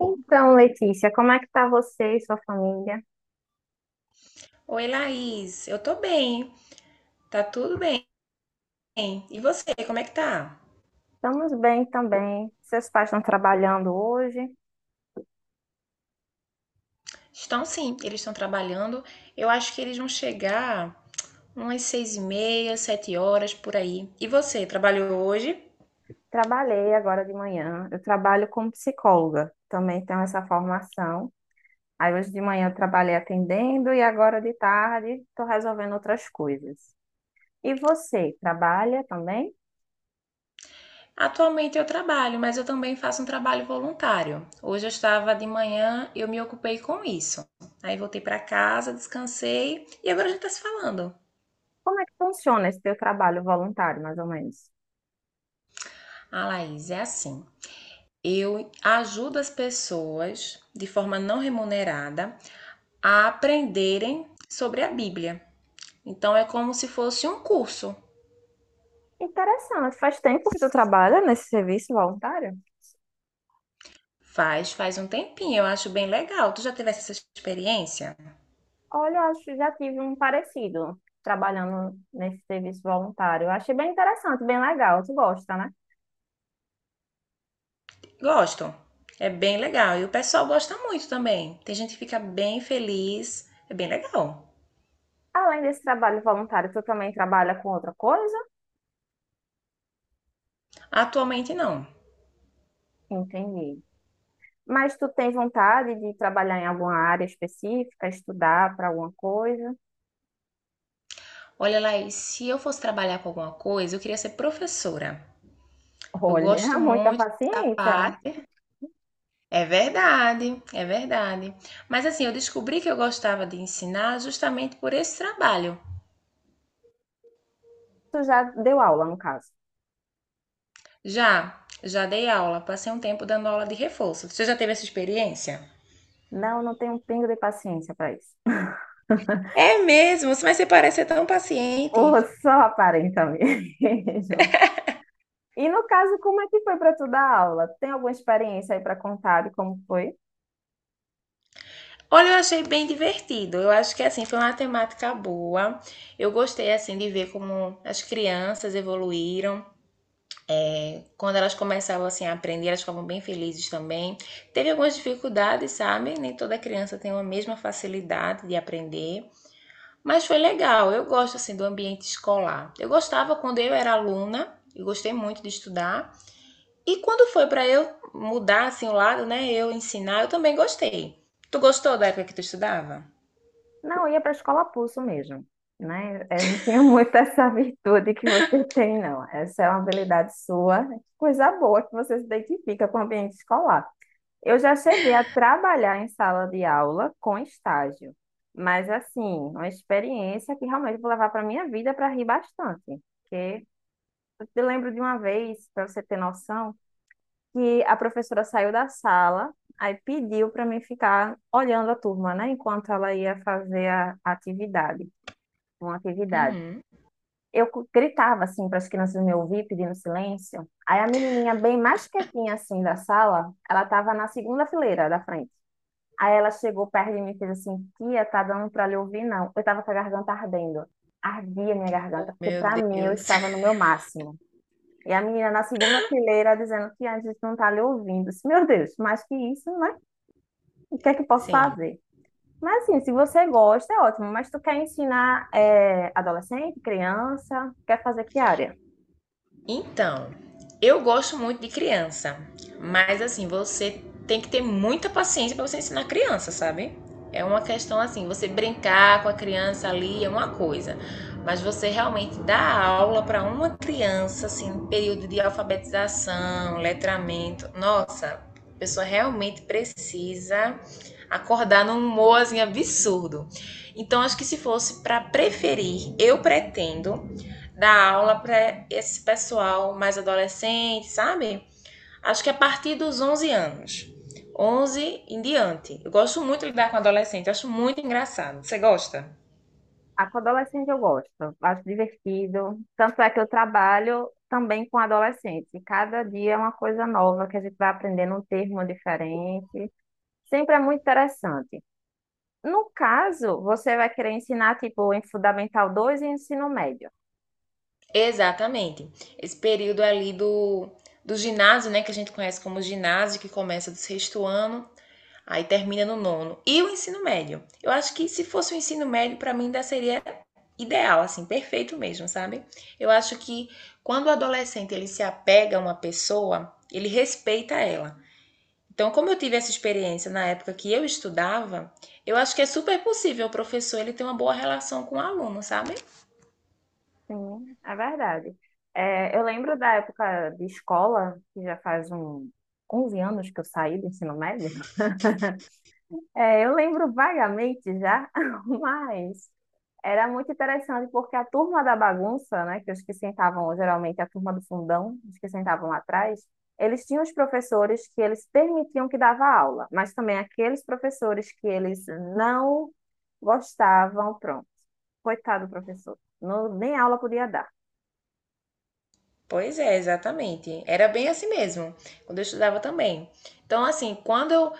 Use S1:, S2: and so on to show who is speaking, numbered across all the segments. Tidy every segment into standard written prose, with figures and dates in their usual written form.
S1: Então, Letícia, como é que tá você e sua família?
S2: Oi, Laís. Eu tô bem, tá tudo bem. E você, como é que tá?
S1: Estamos bem também. Seus pais estão trabalhando hoje?
S2: Estão sim, eles estão trabalhando. Eu acho que eles vão chegar umas seis e meia, sete horas por aí. E você, trabalhou hoje?
S1: Trabalhei agora de manhã. Eu trabalho como psicóloga, também tenho essa formação. Aí hoje de manhã eu trabalhei atendendo e agora de tarde estou resolvendo outras coisas. E você, trabalha também?
S2: Atualmente eu trabalho, mas eu também faço um trabalho voluntário. Hoje eu estava de manhã, eu me ocupei com isso. Aí voltei para casa, descansei e agora a gente está se falando.
S1: Como é que funciona esse teu trabalho voluntário, mais ou menos?
S2: Ah, Laís, é assim. Eu ajudo as pessoas de forma não remunerada a aprenderem sobre a Bíblia. Então é como se fosse um curso.
S1: Interessante. Faz tempo que tu trabalha nesse serviço voluntário?
S2: Faz um tempinho, eu acho bem legal. Tu já tivesse essa experiência?
S1: Olha, eu acho que já tive um parecido trabalhando nesse serviço voluntário. Eu achei bem interessante, bem legal. Tu gosta, né?
S2: Gostam. É bem legal. E o pessoal gosta muito também. Tem gente que fica bem feliz. É bem legal.
S1: Além desse trabalho voluntário, tu também trabalha com outra coisa?
S2: Atualmente não.
S1: Entendi. Mas tu tem vontade de trabalhar em alguma área específica, estudar para alguma coisa?
S2: Olha, Laís, se eu fosse trabalhar com alguma coisa, eu queria ser professora. Eu gosto
S1: Olha, muita
S2: muito dessa
S1: paciência, né?
S2: parte. É verdade, é verdade. Mas assim, eu descobri que eu gostava de ensinar justamente por esse trabalho.
S1: Tu já deu aula, no caso.
S2: Já dei aula, passei um tempo dando aula de reforço. Você já teve essa experiência?
S1: Não, não tenho um pingo de paciência para isso.
S2: É mesmo, mas você parece ser tão paciente.
S1: Ou só aparenta mesmo. E no caso, como é que foi para tu dar aula? Tem alguma experiência aí para contar de como foi?
S2: Olha, eu achei bem divertido. Eu acho que assim foi uma temática boa. Eu gostei assim de ver como as crianças evoluíram. Quando elas começavam assim a aprender, elas ficavam bem felizes também. Teve algumas dificuldades, sabe? Nem toda criança tem a mesma facilidade de aprender, mas foi legal. Eu gosto assim do ambiente escolar. Eu gostava quando eu era aluna, eu gostei muito de estudar. E quando foi para eu mudar assim o lado, né? Eu ensinar, eu também gostei. Tu gostou da época que tu estudava?
S1: Não, eu ia para a escola pulso mesmo, né? Eu não tinha muito essa virtude que você tem, não. Essa é uma habilidade sua, coisa boa que você se identifica com o ambiente escolar. Eu já cheguei a trabalhar em sala de aula com estágio, mas assim, uma experiência que realmente vou levar para minha vida para rir bastante, porque eu te lembro de uma vez, para você ter noção. Que a professora saiu da sala, aí pediu para mim ficar olhando a turma, né, enquanto ela ia fazer a atividade, uma atividade.
S2: Uhum.
S1: Eu gritava assim para as crianças me ouvir, pedindo silêncio. Aí a menininha bem mais quietinha assim da sala, ela estava na segunda fileira da frente. Aí ela chegou perto de mim e fez assim: "Tia, tá dando para lhe ouvir não?". Eu estava com a garganta ardendo. Ardia minha garganta,
S2: Oh,
S1: porque
S2: meu
S1: para mim eu
S2: Deus.
S1: estava no meu máximo. E a menina na segunda fileira dizendo que a gente não tá lhe ouvindo. Eu disse, Meu Deus, mais que isso, né? O que é que eu posso
S2: Sim.
S1: fazer? Mas assim, se você gosta, é ótimo. Mas tu quer ensinar adolescente, criança? Quer fazer que área?
S2: Então, eu gosto muito de criança, mas assim, você tem que ter muita paciência para você ensinar criança, sabe? É uma questão assim, você brincar com a criança ali é uma coisa, mas você realmente dar aula para uma criança assim, no período de alfabetização, letramento, nossa, a pessoa realmente precisa acordar num humor assim, absurdo. Então, acho que se fosse para preferir, eu pretendo dar aula para esse pessoal mais adolescente, sabe? Acho que é a partir dos 11 anos. Onze em diante. Eu gosto muito de lidar com adolescente, acho muito engraçado. Você gosta?
S1: A com adolescente eu gosto, acho divertido. Tanto é que eu trabalho também com adolescente. Cada dia é uma coisa nova que a gente vai aprendendo um termo diferente. Sempre é muito interessante. No caso, você vai querer ensinar, tipo, em Fundamental 2 e ensino médio.
S2: Exatamente. Esse período ali do ginásio, né, que a gente conhece como ginásio, que começa do sexto ano, aí termina no nono. E o ensino médio. Eu acho que se fosse o ensino médio, para mim ainda seria ideal, assim, perfeito mesmo, sabe? Eu acho que quando o adolescente ele se apega a uma pessoa, ele respeita ela. Então, como eu tive essa experiência na época que eu estudava, eu acho que é super possível o professor ele ter uma boa relação com o aluno, sabe?
S1: Sim, é verdade. É, eu lembro da época de escola, que já faz um 11 anos que eu saí do ensino médio. É, eu lembro vagamente já, mas era muito interessante porque a turma da bagunça, né, que os que sentavam geralmente a turma do fundão, os que sentavam lá atrás, eles tinham os professores que eles permitiam que dava aula, mas também aqueles professores que eles não gostavam, pronto. Coitado do professor, não, nem aula podia dar.
S2: Pois é, exatamente. Era bem assim mesmo, quando eu estudava também. Então, assim, quando eu,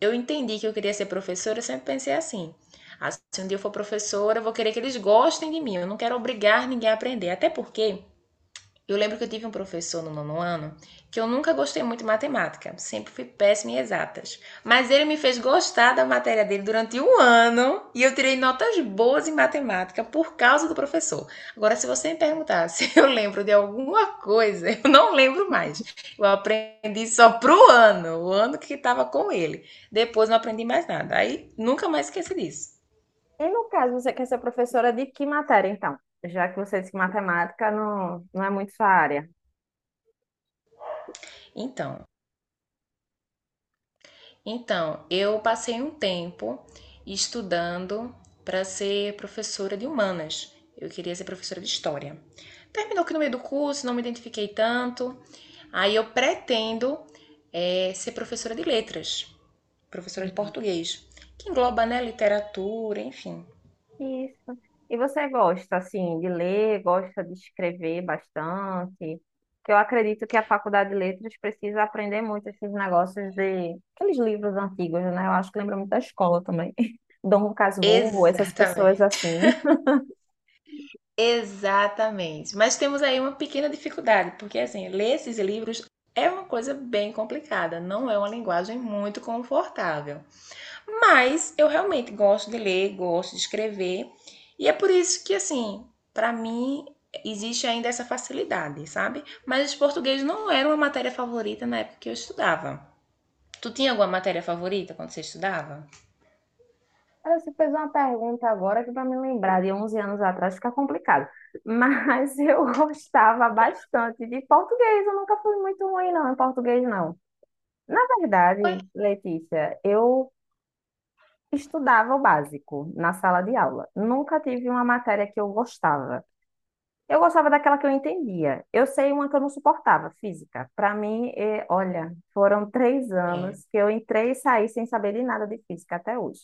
S2: eu entendi que eu queria ser professora, eu sempre pensei assim: ah, se um dia eu for professora, eu vou querer que eles gostem de mim. Eu não quero obrigar ninguém a aprender. Até porque eu lembro que eu tive um professor no nono ano que eu nunca gostei muito de matemática, sempre fui péssima em exatas. Mas ele me fez gostar da matéria dele durante um ano e eu tirei notas boas em matemática por causa do professor. Agora, se você me perguntar se eu lembro de alguma coisa, eu não lembro mais. Eu aprendi só pro ano, o ano que estava com ele. Depois não aprendi mais nada. Aí nunca mais esqueci disso.
S1: E no caso, você quer ser professora de que matéria, então? Já que você disse que matemática não, não é muito sua área.
S2: Então, Então, eu passei um tempo estudando para ser professora de humanas. Eu queria ser professora de história. Terminou que no meio do curso não me identifiquei tanto. Aí eu pretendo ser professora de letras, professora de português, que engloba, né, literatura, enfim.
S1: Isso. E você gosta, assim, de ler, gosta de escrever bastante? Que eu acredito que a Faculdade de Letras precisa aprender muito esses negócios de... Aqueles livros antigos, né? Eu acho que lembra muito da escola também. Dom Casmurro, essas pessoas
S2: Exatamente.
S1: assim.
S2: Exatamente. Mas temos aí uma pequena dificuldade, porque assim, ler esses livros é uma coisa bem complicada, não é uma linguagem muito confortável. Mas eu realmente gosto de ler, gosto de escrever, e é por isso que, assim, para mim existe ainda essa facilidade, sabe? Mas português não era uma matéria favorita na época que eu estudava. Tu tinha alguma matéria favorita quando você estudava?
S1: Ela se fez uma pergunta agora que para me lembrar de 11 anos atrás fica complicado. Mas eu gostava bastante de português. Eu nunca fui muito ruim, não, em português, não. Na
S2: Oi.
S1: verdade, Letícia, eu estudava o básico na sala de aula. Nunca tive uma matéria que eu gostava. Eu gostava daquela que eu entendia. Eu sei uma que eu não suportava, física. Para mim, é, olha, foram três
S2: É,
S1: anos que eu entrei e saí sem saber de nada de física até hoje.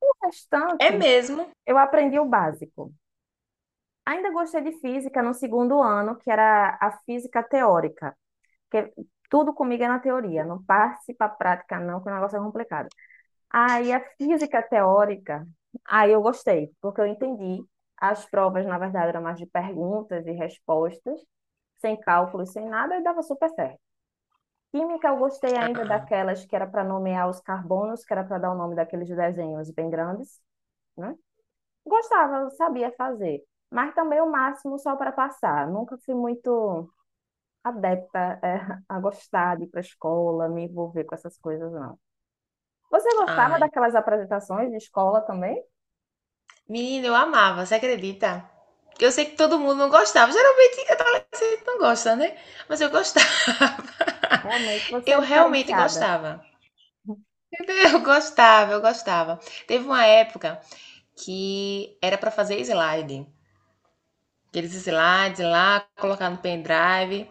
S1: O
S2: é
S1: restante,
S2: mesmo?
S1: eu aprendi o básico. Ainda gostei de física no segundo ano, que era a física teórica, que tudo comigo é na teoria, não passe para a prática não, que o negócio é complicado. Aí a física teórica, aí eu gostei, porque eu entendi. As provas, na verdade, eram mais de perguntas e respostas, sem cálculos, sem nada, e dava super certo. Química, eu gostei ainda
S2: Ah,
S1: daquelas que era para nomear os carbonos, que era para dar o nome daqueles desenhos bem grandes, né? Gostava, eu sabia fazer, mas também o máximo só para passar. Nunca fui muito adepta, a gostar de ir para a escola, me envolver com essas coisas, não. Você gostava
S2: ai.
S1: daquelas apresentações de escola também?
S2: Menina, eu amava, você acredita? Eu sei que todo mundo não gostava. Geralmente adolescente não gosta, né? Mas eu gostava.
S1: Realmente, você é
S2: Eu realmente
S1: diferenciada.
S2: gostava. Eu gostava, eu gostava. Teve uma época que era para fazer slide. Aqueles slides lá, colocar no pendrive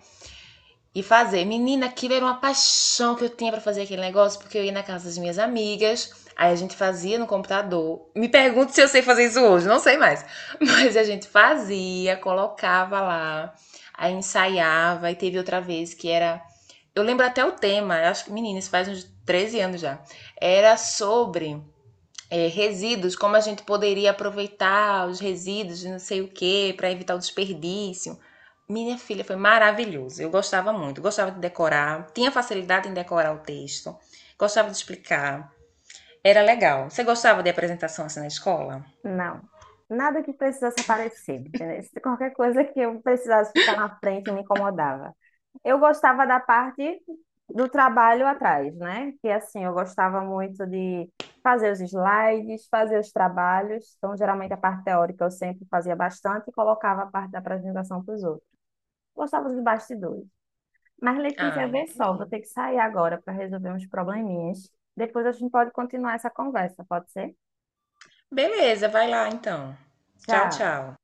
S2: e fazer. Menina, aquilo era uma paixão que eu tinha para fazer aquele negócio, porque eu ia na casa das minhas amigas, aí a gente fazia no computador. Me pergunto se eu sei fazer isso hoje, não sei mais. Mas a gente fazia, colocava lá, aí ensaiava, e teve outra vez que era. Eu lembro até o tema, eu acho que, menina, isso faz uns 13 anos já. Era sobre resíduos, como a gente poderia aproveitar os resíduos de não sei o que para evitar o desperdício. Minha filha foi maravilhoso. Eu gostava muito, gostava de decorar, tinha facilidade em decorar o texto, gostava de explicar. Era legal. Você gostava de apresentação assim na escola?
S1: Não. Nada que precisasse aparecer, entendeu? Se qualquer coisa que eu precisasse ficar na frente me incomodava. Eu gostava da parte do trabalho atrás, né? Que assim, eu gostava muito de fazer os slides, fazer os trabalhos. Então, geralmente a parte teórica eu sempre fazia bastante e colocava a parte da apresentação para os outros. Gostava dos bastidores. Mas, Letícia,
S2: Ah,
S1: vê só, vou ter que sair agora para resolver uns probleminhas. Depois a gente pode continuar essa conversa, pode ser?
S2: beleza, vai lá então. Tchau,
S1: Tchau.
S2: tchau.